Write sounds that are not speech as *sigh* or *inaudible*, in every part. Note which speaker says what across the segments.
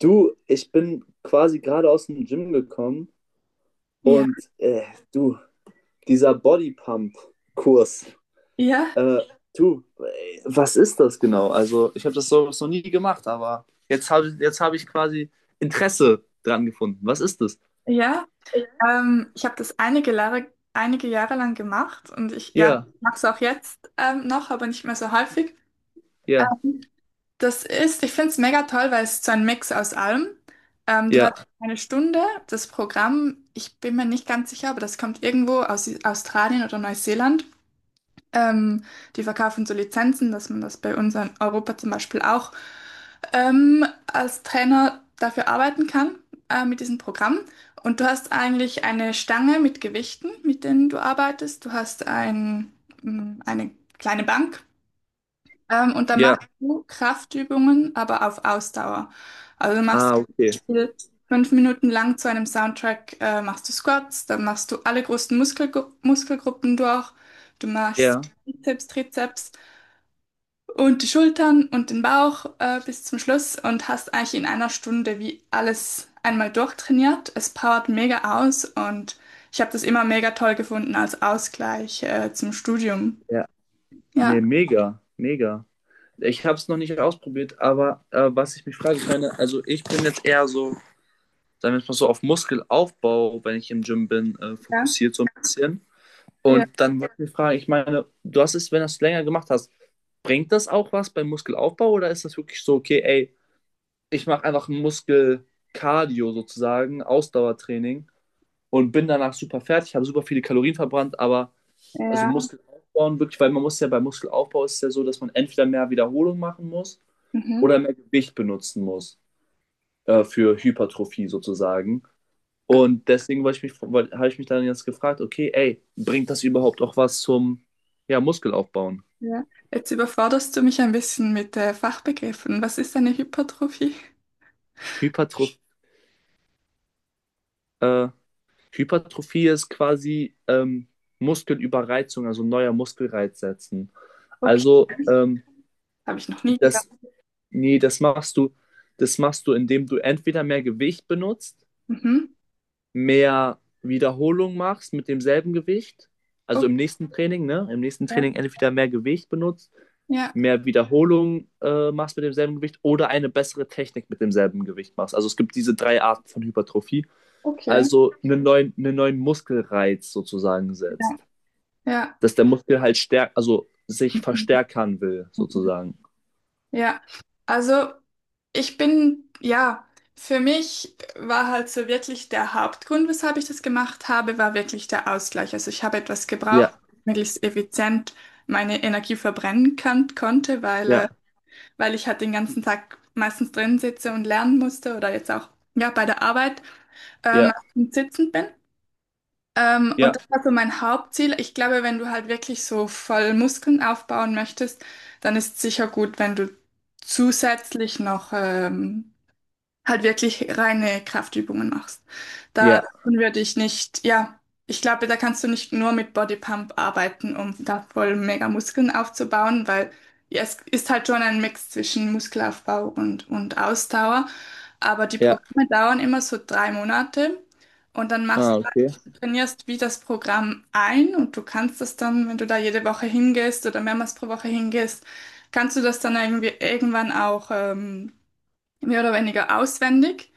Speaker 1: Du, ich bin quasi gerade aus dem Gym gekommen
Speaker 2: Ja,
Speaker 1: und du, dieser Bodypump-Kurs,
Speaker 2: ja,
Speaker 1: äh, du, was ist das genau? Also, ich habe das so noch nie gemacht, aber jetzt hab ich quasi Interesse dran gefunden. Was ist das?
Speaker 2: ja. Ich habe das einige Jahre lang gemacht und ich, ja,
Speaker 1: Ja,
Speaker 2: mache es auch jetzt noch, aber nicht mehr so häufig.
Speaker 1: ja,
Speaker 2: Ähm, Ich finde es mega toll, weil es so ein Mix aus allem. Du hast
Speaker 1: ja,
Speaker 2: eine Stunde, das Programm, ich bin mir nicht ganz sicher, aber das kommt irgendwo aus Australien oder Neuseeland. Ähm, Die verkaufen so Lizenzen, dass man das bei uns in Europa zum Beispiel auch als Trainer dafür arbeiten kann, mit diesem Programm. Und du hast eigentlich eine Stange mit Gewichten, mit denen du arbeitest. Du hast eine kleine Bank, und dann
Speaker 1: ja.
Speaker 2: machst du Kraftübungen, aber auf Ausdauer. Also du machst zum
Speaker 1: Ah, okay.
Speaker 2: Beispiel 5 Minuten lang zu einem Soundtrack, machst du Squats, dann machst du alle großen Muskelgruppen durch. Du machst
Speaker 1: Ja,
Speaker 2: Bizeps, Trizeps und die Schultern und den Bauch bis zum Schluss und hast eigentlich in einer Stunde wie alles einmal durchtrainiert. Es powert mega aus und ich habe das immer mega toll gefunden als Ausgleich zum Studium.
Speaker 1: ja.
Speaker 2: Ja,
Speaker 1: Nee, mega, mega. Ich habe es noch nicht ausprobiert, aber was ich mich frage, ich meine, also ich bin jetzt eher so, sagen wir jetzt mal so, auf Muskelaufbau, wenn ich im Gym bin,
Speaker 2: ja,
Speaker 1: fokussiert so ein bisschen.
Speaker 2: ja,
Speaker 1: Und dann wollte ich mich fragen, ich meine, du hast es, wenn du es länger gemacht hast, bringt das auch was beim Muskelaufbau? Oder ist das wirklich so, okay, ey, ich mache einfach Muskelkardio sozusagen, Ausdauertraining, und bin danach super fertig, habe super viele Kalorien verbrannt, aber also
Speaker 2: ja,
Speaker 1: Muskel aufbauen wirklich, weil man muss ja, beim Muskelaufbau ist es ja so, dass man entweder mehr Wiederholung machen muss
Speaker 2: mhm,
Speaker 1: oder mehr Gewicht benutzen muss, für Hypertrophie sozusagen. Und deswegen wollte ich mich, habe ich mich dann jetzt gefragt, okay, ey, bringt das überhaupt auch was zum, ja, Muskelaufbauen?
Speaker 2: ja. Jetzt überforderst du mich ein bisschen mit Fachbegriffen. Was ist eine Hypertrophie?
Speaker 1: Hypertroph äh, Hypertrophie ist quasi Muskelüberreizung, also neuer Muskelreiz setzen.
Speaker 2: Okay,
Speaker 1: Also
Speaker 2: habe ich noch nie gehört.
Speaker 1: das, nee, das machst du, indem du entweder mehr Gewicht benutzt,
Speaker 2: Mhm,
Speaker 1: mehr Wiederholung machst mit demselben Gewicht, also
Speaker 2: okay,
Speaker 1: im nächsten Training, ne? Im nächsten Training entweder mehr Gewicht benutzt,
Speaker 2: ja,
Speaker 1: mehr Wiederholung machst mit demselben Gewicht oder eine bessere Technik mit demselben Gewicht machst. Also es gibt diese drei Arten von Hypertrophie.
Speaker 2: okay,
Speaker 1: Also einen neuen Muskelreiz sozusagen
Speaker 2: ja,
Speaker 1: setzt.
Speaker 2: ja.
Speaker 1: Dass der Muskel halt stärk, also sich
Speaker 2: Mhm.
Speaker 1: verstärkern will, sozusagen.
Speaker 2: Ja, also ich bin, ja, für mich war halt so wirklich der Hauptgrund, weshalb ich das gemacht habe, war wirklich der Ausgleich. Also ich habe etwas gebraucht,
Speaker 1: Ja,
Speaker 2: möglichst effizient meine Energie verbrennen kann, konnte, weil, äh,
Speaker 1: ja,
Speaker 2: weil ich halt den ganzen Tag meistens drin sitze und lernen musste oder jetzt auch ja, bei der Arbeit
Speaker 1: ja,
Speaker 2: sitzend bin. Und
Speaker 1: ja,
Speaker 2: das war so mein Hauptziel. Ich glaube, wenn du halt wirklich so voll Muskeln aufbauen möchtest, dann ist sicher gut, wenn du zusätzlich noch halt wirklich reine Kraftübungen machst. Da
Speaker 1: ja,
Speaker 2: würde ich nicht, ja, ich glaube, da kannst du nicht nur mit Bodypump arbeiten, um da voll mega Muskeln aufzubauen, weil ja, es ist halt schon ein Mix zwischen Muskelaufbau und Ausdauer. Aber die
Speaker 1: ja.
Speaker 2: Programme dauern immer so 3 Monate und dann
Speaker 1: Ah,
Speaker 2: machst du
Speaker 1: okay.
Speaker 2: eigentlich, du trainierst wie das Programm ein und du kannst das dann, wenn du da jede Woche hingehst oder mehrmals pro Woche hingehst, kannst du das dann irgendwie irgendwann auch mehr oder weniger auswendig.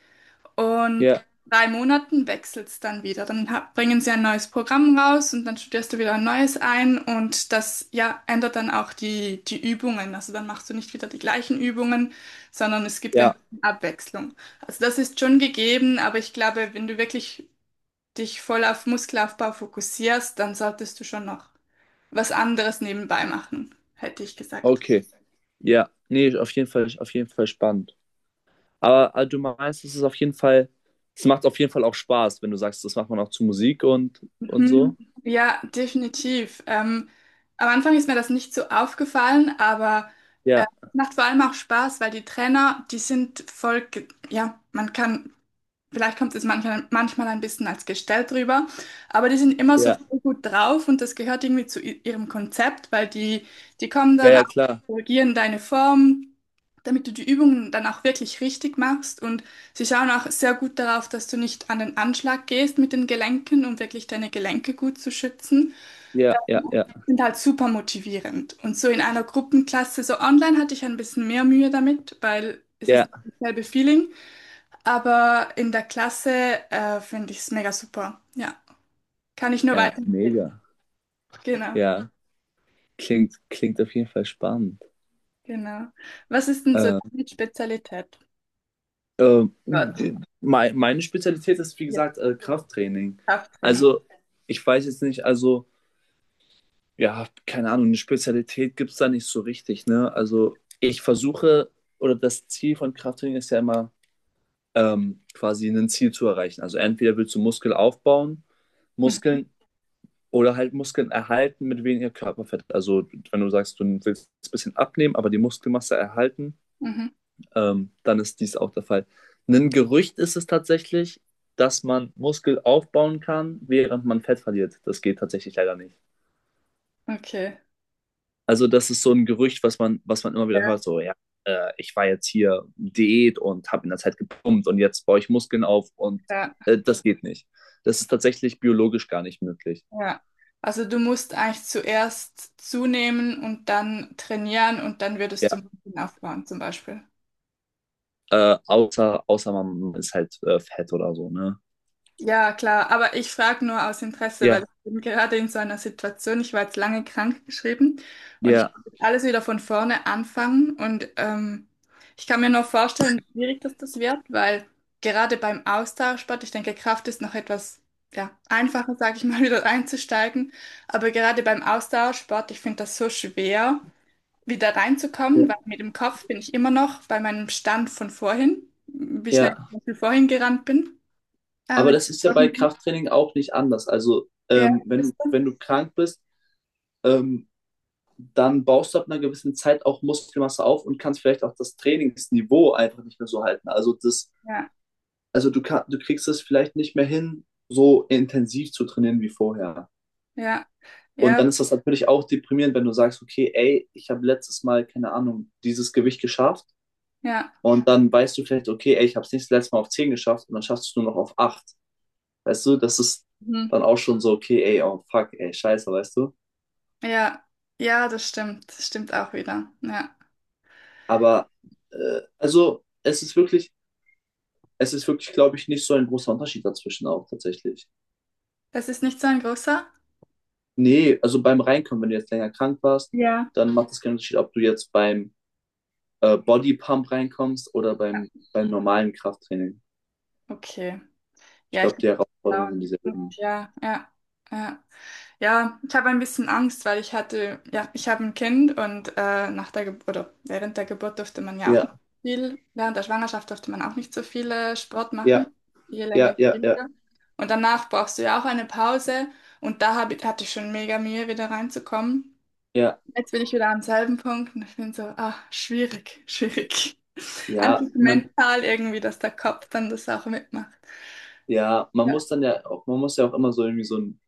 Speaker 2: Und
Speaker 1: Ja,
Speaker 2: 3 Monaten wechselt es dann wieder. Dann bringen sie ein neues Programm raus und dann studierst du wieder ein neues ein. Und das, ja, ändert dann auch die Übungen. Also dann machst du nicht wieder die gleichen Übungen, sondern es gibt ein
Speaker 1: ja,
Speaker 2: bisschen Abwechslung. Also das ist schon gegeben, aber ich glaube, wenn du wirklich dich voll auf Muskelaufbau fokussierst, dann solltest du schon noch was anderes nebenbei machen, hätte ich gesagt.
Speaker 1: okay. Ja, nee, auf jeden Fall spannend. Aber du meinst, es ist auf jeden Fall, es macht auf jeden Fall auch Spaß, wenn du sagst, das macht man auch zu Musik und so.
Speaker 2: Mhm. Ja, definitiv. Am Anfang ist mir das nicht so aufgefallen, aber
Speaker 1: Ja,
Speaker 2: es macht vor allem auch Spaß, weil die Trainer, die sind voll, ge- ja, man kann Vielleicht kommt es manchmal ein bisschen als gestellt rüber, aber die sind immer so
Speaker 1: ja,
Speaker 2: voll gut drauf und das gehört irgendwie zu ihrem Konzept, weil die kommen
Speaker 1: ja,
Speaker 2: dann auch,
Speaker 1: ja, klar.
Speaker 2: korrigieren deine Form, damit du die Übungen dann auch wirklich richtig machst und sie schauen auch sehr gut darauf, dass du nicht an den Anschlag gehst mit den Gelenken, um wirklich deine Gelenke gut zu schützen
Speaker 1: Ja, ja,
Speaker 2: und
Speaker 1: ja,
Speaker 2: sind halt super motivierend. Und so in einer Gruppenklasse, so online hatte ich ein bisschen mehr Mühe damit, weil es ist
Speaker 1: ja,
Speaker 2: nicht dasselbe Feeling. Aber in der Klasse finde ich es mega super. Ja, kann ich nur
Speaker 1: ja,
Speaker 2: weiterempfehlen.
Speaker 1: mega.
Speaker 2: Genau,
Speaker 1: Ja, klingt, klingt auf jeden Fall spannend.
Speaker 2: genau. Was ist denn so
Speaker 1: Äh,
Speaker 2: deine Spezialität dort?
Speaker 1: Meine Spezialität ist, wie
Speaker 2: Ja.
Speaker 1: gesagt, Krafttraining.
Speaker 2: Krafttraining.
Speaker 1: Also, ich weiß jetzt nicht, also, ja, keine Ahnung, eine Spezialität gibt es da nicht so richtig, ne? Also ich versuche, oder das Ziel von Krafttraining ist ja immer, quasi ein Ziel zu erreichen. Also entweder willst du Muskel aufbauen,
Speaker 2: Mhm.
Speaker 1: Muskeln, oder halt Muskeln erhalten mit weniger Körperfett. Also wenn du sagst, du willst ein bisschen abnehmen, aber die Muskelmasse erhalten,
Speaker 2: Mhm.
Speaker 1: dann ist dies auch der Fall. Ein Gerücht ist es tatsächlich, dass man Muskel aufbauen kann, während man Fett verliert. Das geht tatsächlich leider nicht.
Speaker 2: Okay.
Speaker 1: Also, das ist so ein Gerücht, was man immer wieder
Speaker 2: Ja,
Speaker 1: hört, so, ja, ich war jetzt hier Diät und habe in der Zeit gepumpt und jetzt baue ich Muskeln auf, und
Speaker 2: ja,
Speaker 1: das geht nicht. Das ist tatsächlich biologisch gar nicht möglich.
Speaker 2: ja. Also du musst eigentlich zuerst zunehmen und dann trainieren und dann würdest du
Speaker 1: Ja,
Speaker 2: Muskeln aufbauen zum Beispiel.
Speaker 1: außer, außer man ist halt fett oder so, ne?
Speaker 2: Ja, klar, aber ich frage nur aus Interesse, weil
Speaker 1: Ja,
Speaker 2: ich bin gerade in so einer Situation, ich war jetzt lange krankgeschrieben und ich
Speaker 1: ja,
Speaker 2: muss jetzt alles wieder von vorne anfangen und ich kann mir nur vorstellen, wie schwierig das wird, weil gerade beim Austauschsport, ich denke, Kraft ist noch etwas ja, einfacher, sage ich mal, *laughs* wieder einzusteigen, aber gerade beim Austauschsport, ich finde das so schwer, wieder
Speaker 1: ja,
Speaker 2: reinzukommen, weil mit dem Kopf bin ich immer noch bei meinem Stand von vorhin, wie schnell
Speaker 1: ja.
Speaker 2: ich zum Beispiel vorhin gerannt bin.
Speaker 1: Aber
Speaker 2: Ähm,
Speaker 1: das ist ja bei Krafttraining auch nicht anders. Also,
Speaker 2: ja, ist
Speaker 1: wenn,
Speaker 2: so.
Speaker 1: wenn du krank bist, ähm, dann baust du ab einer gewissen Zeit auch Muskelmasse auf und kannst vielleicht auch das Trainingsniveau einfach nicht mehr so halten. Also, das,
Speaker 2: Ja,
Speaker 1: also du kann, du kriegst es vielleicht nicht mehr hin, so intensiv zu trainieren wie vorher.
Speaker 2: ja,
Speaker 1: Und
Speaker 2: ja,
Speaker 1: dann ist das natürlich auch deprimierend, wenn du sagst, okay, ey, ich habe letztes Mal, keine Ahnung, dieses Gewicht geschafft.
Speaker 2: ja,
Speaker 1: Und dann weißt du vielleicht, okay, ey, ich habe es nicht, das letzte Mal auf 10 geschafft, und dann schaffst du es nur noch auf 8. Weißt du, das ist
Speaker 2: mhm.
Speaker 1: dann auch schon so, okay, ey, oh fuck, ey, scheiße, weißt du.
Speaker 2: Ja, ja, das stimmt. Das stimmt auch wieder. Ja.
Speaker 1: Aber also es ist wirklich, glaube ich, nicht so ein großer Unterschied dazwischen auch tatsächlich.
Speaker 2: Das ist nicht so ein großer?
Speaker 1: Nee, also beim Reinkommen, wenn du jetzt länger krank warst,
Speaker 2: Ja.
Speaker 1: dann macht es keinen Unterschied, ob du jetzt beim Bodypump reinkommst oder
Speaker 2: Ja,
Speaker 1: beim, beim normalen Krafttraining.
Speaker 2: okay.
Speaker 1: Ich
Speaker 2: Ja, ich
Speaker 1: glaube, die Herausforderungen sind
Speaker 2: glaube.
Speaker 1: dieselben.
Speaker 2: Ja, ja, ja. Ja, ich habe ein bisschen Angst, weil ich hatte, ja, ich habe ein Kind und nach der Geburt oder während der Geburt durfte man ja auch nicht
Speaker 1: Ja,
Speaker 2: so viel, während der Schwangerschaft durfte man auch nicht so viel Sport
Speaker 1: ja,
Speaker 2: machen, je länger,
Speaker 1: ja,
Speaker 2: je
Speaker 1: ja, ja,
Speaker 2: weniger. Und danach brauchst du ja auch eine Pause und da hatte ich schon mega Mühe, wieder reinzukommen.
Speaker 1: ja,
Speaker 2: Jetzt bin ich wieder am selben Punkt und ich bin so, ah, schwierig, *laughs* schwierig.
Speaker 1: ja,
Speaker 2: Einfach
Speaker 1: man,
Speaker 2: mental irgendwie, dass der Kopf dann das auch mitmacht.
Speaker 1: ja, man
Speaker 2: Ja.
Speaker 1: muss dann ja auch, man muss ja auch immer so irgendwie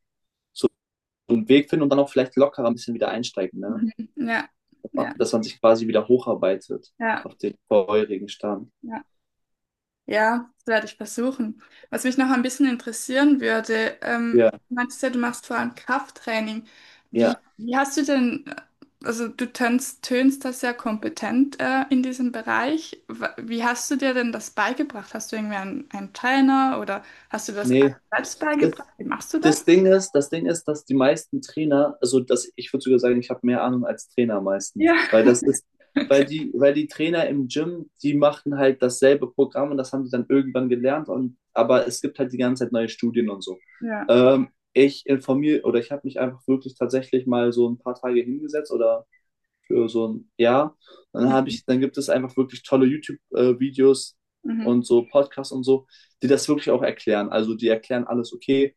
Speaker 1: so einen Weg finden und dann auch vielleicht lockerer ein bisschen wieder einsteigen, ne?
Speaker 2: Mhm. Ja, ja,
Speaker 1: Dass man sich quasi wieder hocharbeitet
Speaker 2: ja.
Speaker 1: auf den vorherigen Stand.
Speaker 2: Ja. Ja, das werde ich versuchen. Was mich noch ein bisschen interessieren würde,
Speaker 1: Ja,
Speaker 2: du meintest ja, du machst vor allem Krafttraining. Wie,
Speaker 1: ja,
Speaker 2: wie hast du denn, also du tönst da sehr kompetent in diesem Bereich. Wie hast du dir denn das beigebracht? Hast du irgendwie einen Trainer oder hast du das
Speaker 1: nee,
Speaker 2: alles selbst
Speaker 1: das,
Speaker 2: beigebracht? Wie machst du das?
Speaker 1: das Ding ist, das Ding ist, dass die meisten Trainer, also dass, ich würde sogar sagen, ich habe mehr Ahnung als Trainer
Speaker 2: Ja,
Speaker 1: meistens, weil das ist,
Speaker 2: *laughs* okay.
Speaker 1: weil die Trainer im Gym, die machen halt dasselbe Programm und das haben die dann irgendwann gelernt, und aber es gibt halt die ganze Zeit neue Studien und so.
Speaker 2: Ja.
Speaker 1: Ich informiere, oder ich habe mich einfach wirklich tatsächlich mal so ein paar Tage hingesetzt oder für so ein Jahr. Dann habe
Speaker 2: Mhm.
Speaker 1: ich, dann gibt es einfach wirklich tolle YouTube-Videos
Speaker 2: Mhm.
Speaker 1: und so Podcasts und so, die das wirklich auch erklären. Also die erklären alles, okay,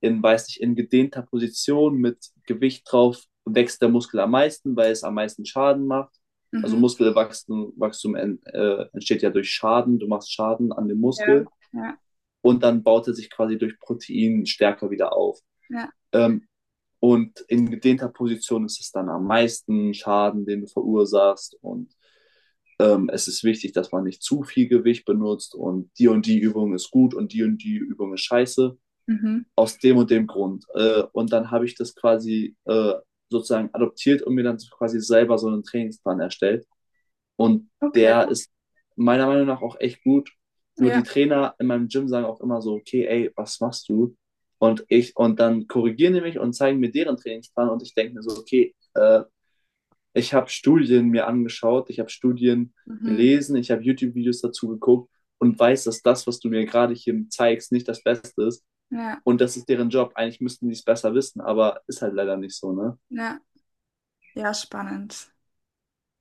Speaker 1: in, weiß nicht, in gedehnter Position mit Gewicht drauf wächst der Muskel am meisten, weil es am meisten Schaden macht. Also
Speaker 2: Mhm.
Speaker 1: Muskelwachstum, Wachstum, entsteht ja durch Schaden. Du machst Schaden an dem
Speaker 2: Ja.
Speaker 1: Muskel
Speaker 2: Ja.
Speaker 1: und dann baut er sich quasi durch Protein stärker wieder auf.
Speaker 2: Ja.
Speaker 1: Ähm, und in gedehnter Position ist es dann am meisten Schaden, den du verursachst. Und es ist wichtig, dass man nicht zu viel Gewicht benutzt, und die Übung ist gut und die Übung ist scheiße
Speaker 2: Mhm.
Speaker 1: aus dem und dem Grund. Und dann habe ich das quasi sozusagen adoptiert und mir dann quasi selber so einen Trainingsplan erstellt. Und
Speaker 2: Okay.
Speaker 1: der ist meiner Meinung nach auch echt gut. Nur
Speaker 2: Ja.
Speaker 1: die Trainer in meinem Gym sagen auch immer so, okay, ey, was machst du? Und ich, und dann korrigieren die mich und zeigen mir deren Trainingsplan und ich denke mir so, okay, ich habe Studien mir angeschaut, ich habe Studien
Speaker 2: Mhm.
Speaker 1: gelesen, ich habe YouTube-Videos dazu geguckt und weiß, dass das, was du mir gerade hier zeigst, nicht das Beste ist.
Speaker 2: Ja.
Speaker 1: Und das ist deren Job. Eigentlich müssten die es besser wissen, aber ist halt leider nicht so, ne?
Speaker 2: Ja. Ja, spannend.